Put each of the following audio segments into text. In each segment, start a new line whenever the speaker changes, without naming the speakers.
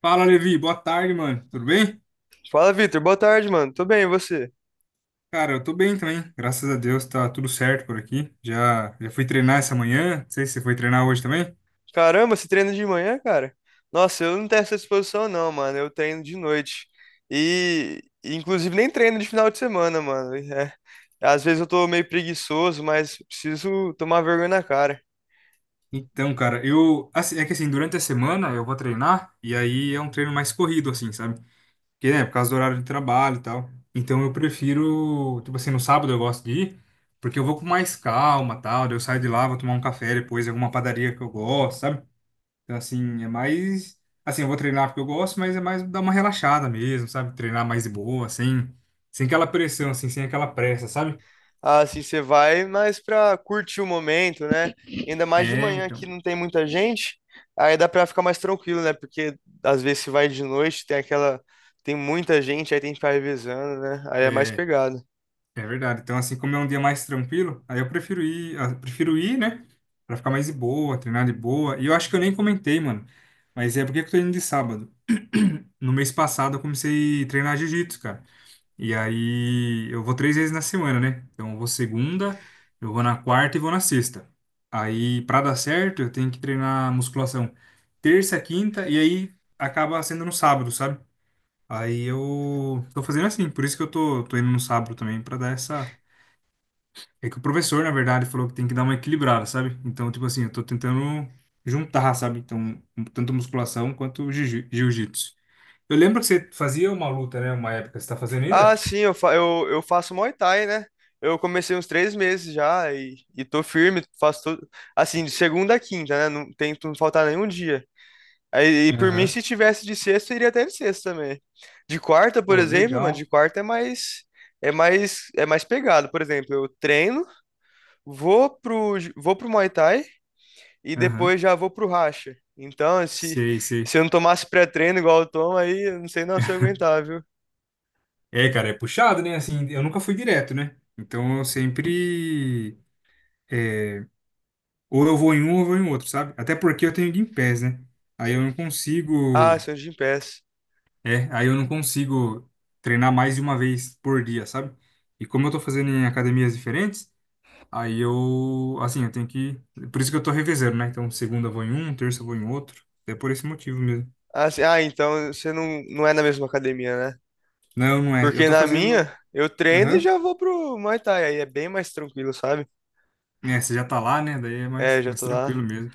Fala, Levi. Boa tarde, mano. Tudo bem?
Fala, Vitor. Boa tarde, mano. Tô bem, e você?
Cara, eu tô bem também. Graças a Deus tá tudo certo por aqui. Já fui treinar essa manhã. Não sei se você foi treinar hoje também.
Caramba, você treina de manhã, cara? Nossa, eu não tenho essa disposição, não, mano. Eu treino de noite. E, inclusive, nem treino de final de semana, mano. É. Às vezes eu tô meio preguiçoso, mas preciso tomar vergonha na cara.
Então, cara, eu. Assim, é que assim, durante a semana eu vou treinar e aí é um treino mais corrido, assim, sabe? Porque, né, por causa do horário de trabalho e tal. Então eu prefiro. Tipo assim, no sábado eu gosto de ir, porque eu vou com mais calma e tal. Daí eu saio de lá, vou tomar um café depois em alguma padaria que eu gosto, sabe? Então, assim, é mais. Assim, eu vou treinar porque eu gosto, mas é mais dar uma relaxada mesmo, sabe? Treinar mais de boa, sem aquela pressão, assim, sem aquela pressa, sabe?
Ah, assim, você vai mais pra curtir o momento, né? Ainda mais de
É,
manhã
então.
que não tem muita gente, aí dá pra ficar mais tranquilo, né? Porque às vezes você vai de noite, tem aquela. Tem muita gente, aí tem que ficar revezando, né? Aí é mais
É,
pegado.
é verdade. Então, assim, como é um dia mais tranquilo, aí eu prefiro ir, né? Pra ficar mais de boa, treinar de boa. E eu acho que eu nem comentei, mano. Mas é porque que eu tô indo de sábado. No mês passado eu comecei a treinar jiu-jitsu, cara. E aí eu vou três vezes na semana, né? Então eu vou segunda, eu vou na quarta e vou na sexta. Aí pra dar certo, eu tenho que treinar musculação terça, quinta e aí acaba sendo no sábado, sabe? Aí eu tô fazendo assim, por isso que eu tô indo no sábado também pra dar essa. É que o professor, na verdade, falou que tem que dar uma equilibrada, sabe? Então, tipo assim, eu tô tentando juntar, sabe? Então, tanto musculação quanto jiu-jitsu. Eu lembro que você fazia uma luta, né? Uma época, você tá fazendo
Ah,
ainda?
sim, eu faço Muay Thai, né? Eu comecei uns 3 meses já e tô firme, faço tudo. Assim, de segunda a quinta, né? Não tento não faltar nenhum dia. Aí, e por mim,
Aham.
se tivesse de sexta, iria até de sexta também. De quarta, por
Pô,
exemplo, mano, de
legal.
quarta é mais. É mais pegado, por exemplo, eu treino, vou pro Muay Thai e
Aham.
depois já vou pro racha. Então, se,
Sei, sei.
se eu não tomasse pré-treino igual eu tomo, aí eu não sei não se eu aguentar, viu?
É, cara, é puxado, né? Assim, eu nunca fui direto, né? Então eu sempre. é, ou eu vou em um ou eu vou em outro, sabe? Até porque eu tenho Gympass, né? Aí eu não
Ah,
consigo.
Santos de Gimpass.
É, aí eu não consigo treinar mais de uma vez por dia, sabe? E como eu tô fazendo em academias diferentes, aí eu. Assim, eu tenho que. Por isso que eu tô revezando, né? Então segunda eu vou em um, terça eu vou em outro. É por esse motivo mesmo.
Ah, então você não é na mesma academia, né?
Não, não é. Eu
Porque
tô
na
fazendo.
minha, eu treino e
Aham.
já vou pro Muay Thai, aí é bem mais tranquilo, sabe?
É, você já tá lá, né? Daí é
É,
mais,
já
mais
tô
tranquilo
lá.
mesmo.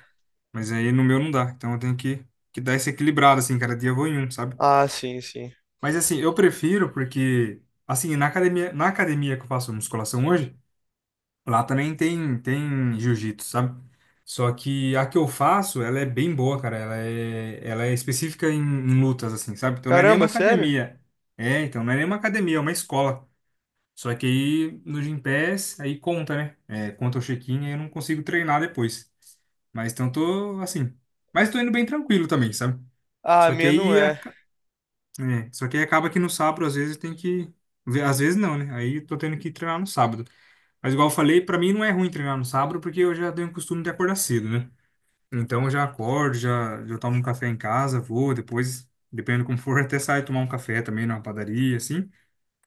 Mas aí no meu não dá. Então eu tenho que dar esse equilibrado, assim, cada dia eu vou em um, sabe?
Ah, sim, sim.
Mas assim, eu prefiro porque, assim, na academia que eu faço musculação hoje, lá também tem jiu-jitsu, sabe? Só que a que eu faço, ela é bem boa, cara. Ela é específica em lutas, assim, sabe? Então não é nem
Caramba,
uma
sério?
academia. É, então não é nem uma academia, é uma escola. Só que aí no Gympass, aí conta, né? É, conta o check-in e eu não consigo treinar depois. Mas então tô assim. Mas tô indo bem tranquilo também, sabe?
Ah, a
Só que
minha não
aí,
é.
aca- só que aí, acaba que no sábado, às vezes, tem que. Às vezes não, né? Aí eu tô tendo que treinar no sábado. Mas igual eu falei, pra mim não é ruim treinar no sábado, porque eu já tenho o costume de acordar cedo, né? Então eu já acordo, já tomo um café em casa, vou, depois, dependendo como for, até saio tomar um café também numa padaria, assim.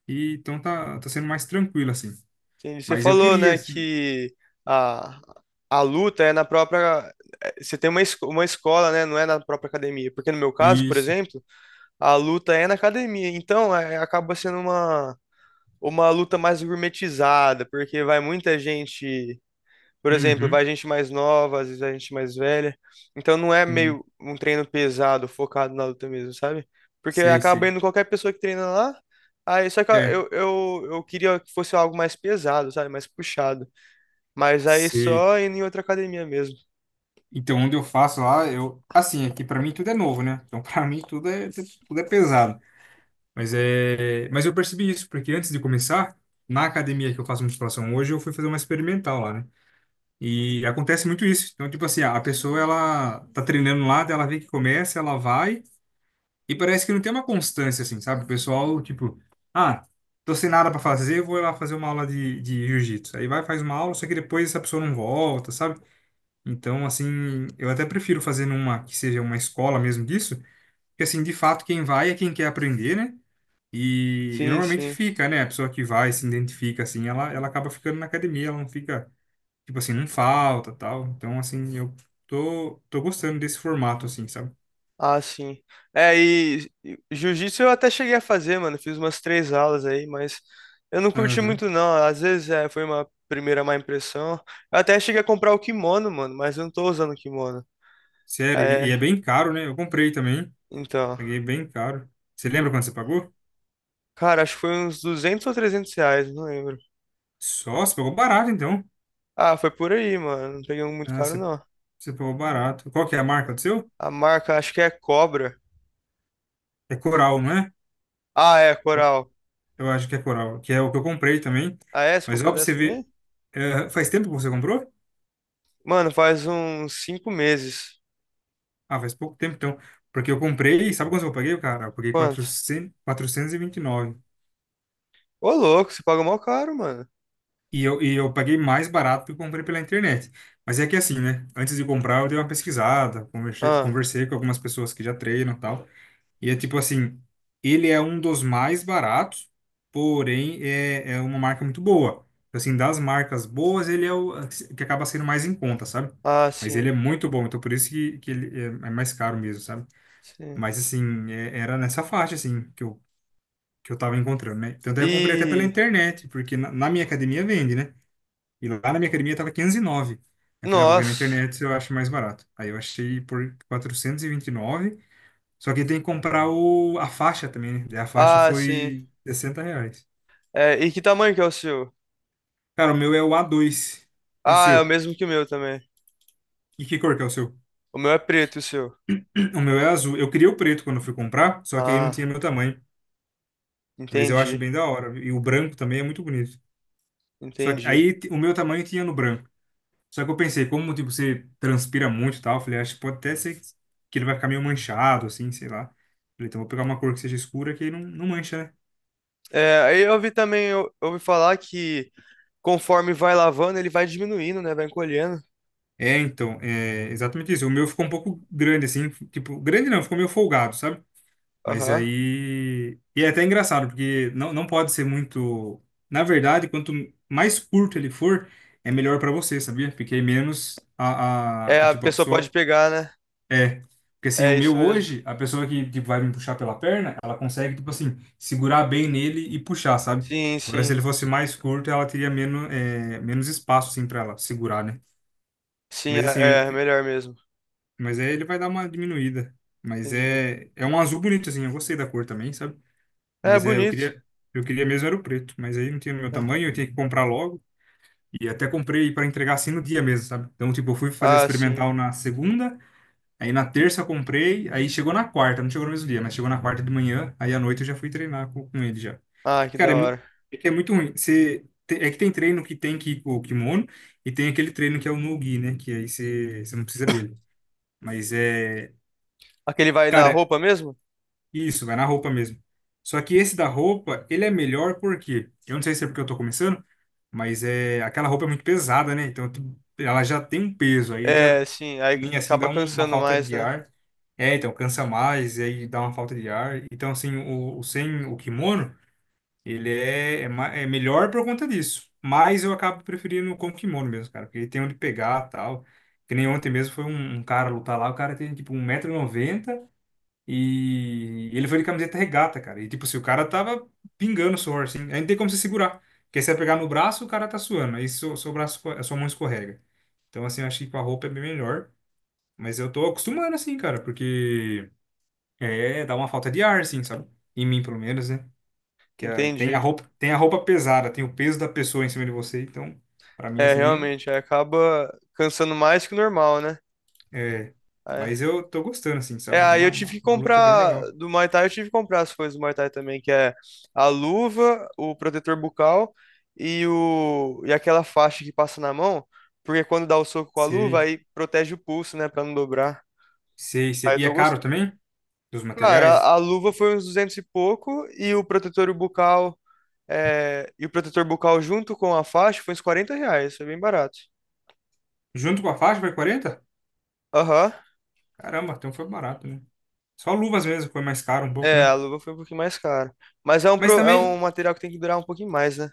E então tá sendo mais tranquilo, assim.
Entendi. Você
Mas eu
falou,
queria,
né,
assim.
que a, a luta é na própria. É, você tem uma escola, né? Não é na própria academia. Porque no meu caso, por
Isso.
exemplo, a luta é na academia. Então, acaba sendo uma luta mais gourmetizada, porque vai muita gente. Por exemplo,
Uhum.
vai gente mais nova, às vezes vai gente mais velha. Então não é
Sim.
meio um treino pesado, focado na luta mesmo, sabe? Porque
Sei,
acaba
sei.
indo qualquer pessoa que treina lá. Aí só que
É,
eu queria que fosse algo mais pesado, sabe? Mais puxado. Mas aí
sei.
só indo em outra academia mesmo.
Então, onde eu faço lá, eu. Assim, aqui pra mim tudo é novo, né? Então, pra mim tudo é pesado. Mas é. Mas eu percebi isso, porque antes de começar, na academia que eu faço musculação hoje, eu fui fazer uma experimental lá, né? E acontece muito isso. Então, tipo assim, a pessoa, ela tá treinando lá, daí ela vê que começa, ela vai. E parece que não tem uma constância, assim, sabe? O pessoal, tipo, ah, tô sem nada pra fazer, vou lá fazer uma aula de jiu-jitsu. Aí vai, faz uma aula, só que depois essa pessoa não volta, sabe? Então, assim, eu até prefiro fazer numa que seja uma escola mesmo disso, porque, assim, de fato, quem vai é quem quer aprender, né? E
Sim,
normalmente
sim.
fica, né? A pessoa que vai, se identifica, assim, ela acaba ficando na academia, ela não fica, tipo assim, não falta, tal. Então, assim, eu tô gostando desse formato, assim, sabe?
Ah, sim. É, e jiu-jitsu eu até cheguei a fazer, mano. Fiz umas três aulas aí, mas eu não curti
Aham.
muito, não. Às vezes foi uma primeira má impressão. Eu até cheguei a comprar o kimono, mano, mas eu não tô usando o kimono.
Sério, e é
É,
bem caro, né? Eu comprei também.
então.
Paguei bem caro. Você lembra quanto você pagou?
Cara, acho que foi uns R$ 200 ou R$ 300, não lembro.
Só, você pagou barato, então.
Ah, foi por aí, mano. Não peguei um muito
Ah,
caro,
você,
não.
você pagou barato. Qual que é a marca do seu?
A marca, acho que é Cobra.
É Coral, não é?
Ah, é,
Eu
Coral.
eu acho que é Coral, que é o que eu comprei também.
Ah, é? Você
Mas ó, pra
comprou
você
dessa
ver,
também?
faz tempo que você comprou?
Mano, faz uns 5 meses.
Ah, faz pouco tempo, então. Porque eu comprei, sabe quanto eu paguei, cara? Eu paguei
Quanto?
400, 429. E 29.
Ô, louco, você paga mó caro, mano.
E eu paguei mais barato que eu comprei pela internet. Mas é que é assim, né? Antes de comprar, eu dei uma pesquisada, conversei,
Ah.
conversei com algumas pessoas que já treinam e tal. E é tipo assim, ele é um dos mais baratos, porém é uma marca muito boa. Assim, das marcas boas, ele é o que acaba sendo mais em conta, sabe?
Ah,
Mas ele
sim,
é muito bom, então por isso que ele é mais caro mesmo, sabe?
sim.
Mas assim, era nessa faixa, assim, que eu tava encontrando, né? Tanto é que eu comprei até pela
E.
internet, porque na minha academia vende, né? E lá na minha academia tava 509. Eu falei, ah, vou ver na
Nossa.
internet se eu acho mais barato. Aí eu achei por R$ 429. Só que tem que comprar o, a faixa também, né? Daí a faixa
Ah, sim.
foi R$ 60.
É, e que tamanho que é o seu?
Cara, o meu é o A2. E o
Ah, é o
seu?
mesmo que o meu também.
E que cor que é o seu?
O meu é preto, e o seu.
O meu é azul. Eu queria o preto quando eu fui comprar, só que aí não tinha
Ah,
meu tamanho. Mas eu acho
entendi,
bem da hora. E o branco também é muito bonito. Só que
entendi.
aí o meu tamanho tinha no branco. Só que eu pensei, como tipo, você transpira muito e tal, eu falei, acho que pode até ser que ele vai ficar meio manchado, assim, sei lá. Falei, então vou pegar uma cor que seja escura que aí não mancha, né?
É, aí eu ouvi também, eu ouvi falar que conforme vai lavando, ele vai diminuindo, né? Vai encolhendo.
É, então, é exatamente isso. O meu ficou um pouco grande, assim, tipo, grande não, ficou meio folgado, sabe? Mas
Aham.
aí. E é até engraçado, porque não pode ser muito. Na verdade, quanto mais curto ele for, é melhor pra você, sabia? Porque aí menos
É, a
tipo, a
pessoa pode
pessoa.
pegar, né?
É. Porque assim,
É
o
isso
meu
mesmo.
hoje, a pessoa que tipo, vai me puxar pela perna, ela consegue, tipo assim, segurar bem nele e puxar, sabe?
Sim,
Agora, se
sim.
ele fosse mais curto, ela teria menos espaço, assim, pra ela segurar, né?
Sim,
Mas assim,
é melhor mesmo.
Mas aí ele vai dar uma diminuída. Mas
Entendi.
é um azul bonito, assim. Eu gostei da cor também, sabe?
É
Mas é, eu
bonito.
queria, eu queria mesmo era o preto. Mas aí não tinha no meu
né?
tamanho, eu tinha que comprar logo. E até comprei para entregar assim no dia mesmo, sabe? Então, tipo, eu fui fazer
Ah, sim.
experimental na segunda, aí na terça eu comprei, aí chegou na quarta, não chegou no mesmo dia, mas chegou na quarta de manhã, aí à noite eu já fui treinar com ele já.
Ah, que
Cara,
da hora.
é que é muito ruim. É que tem treino que tem que ir com o kimono e tem aquele treino que é o no-gi, né? Que aí você não precisa dele. Mas é.
Aquele vai na
Cara,
roupa mesmo?
isso, vai na roupa mesmo. Só que esse da roupa, ele é melhor porque, eu não sei se é porque eu tô começando, mas é aquela roupa é muito pesada, né? Então ela já tem um peso, aí já
É, sim, aí
em assim
acaba
dá uma
cansando
falta
mais,
de
né?
ar. É, então cansa mais, e aí dá uma falta de ar. Então assim, o sem o kimono, ele é melhor por conta disso. Mas eu acabo preferindo com o kimono mesmo, cara, porque ele tem onde pegar, tal. Que nem ontem mesmo foi um cara lutar lá, o cara tem tipo um 190 noventa e ele foi de camiseta regata, cara. E tipo, se o cara tava pingando suor, assim, aí não tem como você segurar. Porque se você pegar no braço, o cara tá suando. Aí seu braço, a sua mão escorrega. Então, assim, eu acho que com a roupa é bem melhor. Mas eu tô acostumando, assim, cara, porque dá uma falta de ar, assim, sabe? Em mim, pelo menos, né? Que
Entendi.
tem a roupa pesada, tem o peso da pessoa em cima de você. Então, pra mim,
É,
assim,
realmente, aí acaba cansando mais que o normal, né?
é.
Aí-
Mas eu tô gostando, assim,
É,
sabe?
aí
Uma,
eu tive que
uma, uma luta bem
comprar
legal.
do Muay Thai, eu tive que comprar as coisas do Muay Thai também, que é a luva, o protetor bucal e o e aquela faixa que passa na mão, porque quando dá o soco com a luva,
Sei,
aí protege o pulso, né, pra não dobrar.
sei, sei.
Aí eu
E é
tô
caro
gostando.
também? Dos
Cara, a,
materiais?
a luva foi uns 200 e pouco e o protetor bucal. É, e o protetor bucal junto com a faixa foi uns R$ 40, foi bem barato.
Junto com a faixa vai 40.
Aham.
Caramba, então foi barato, né? Só luvas mesmo foi mais caro um pouco,
É, a
né?
luva foi um pouquinho mais cara. Mas é um,
Mas
pro- é um
também,
material que tem que durar um pouquinho mais, né?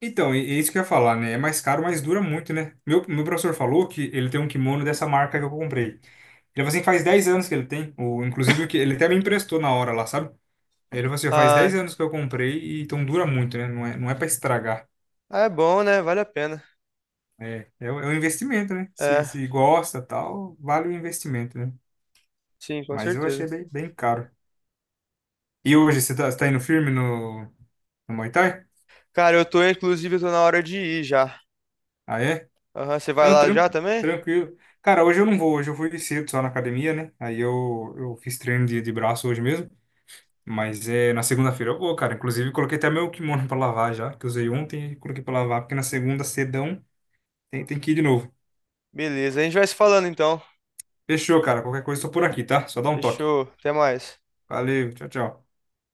então, é isso que eu ia falar, né? É mais caro, mas dura muito, né? Meu professor falou que ele tem um kimono dessa marca que eu comprei. Ele falou assim, faz 10 anos que ele tem, inclusive o que ele até me emprestou na hora lá, sabe? Ele falou assim, "Ó, faz 10
Ah,
anos que eu comprei, e então dura muito, né? Não é para estragar.
ah, é bom, né? Vale a pena.
É um investimento, né? Se,
É,
se gosta, tal, vale o investimento, né?
sim, com
Mas eu
certeza.
achei bem, bem caro. E hoje você tá indo firme no Muay Thai?
Cara, eu tô, inclusive, eu tô na hora de ir já.
Ah, é?
Aham, você vai
Não,
lá
tran-
já também?
tranquilo. Cara, hoje eu não vou, hoje eu fui cedo só na academia, né? Aí eu fiz treino de braço hoje mesmo. Mas é na segunda-feira eu vou, cara. Inclusive, coloquei até meu kimono pra lavar já, que eu usei ontem e coloquei pra lavar, porque na segunda, cedão, tem que ir de novo.
Beleza, a gente vai se falando então.
Fechou, cara. Qualquer coisa, eu tô por aqui, tá? Só dá um toque.
Fechou, até mais.
Valeu, tchau, tchau.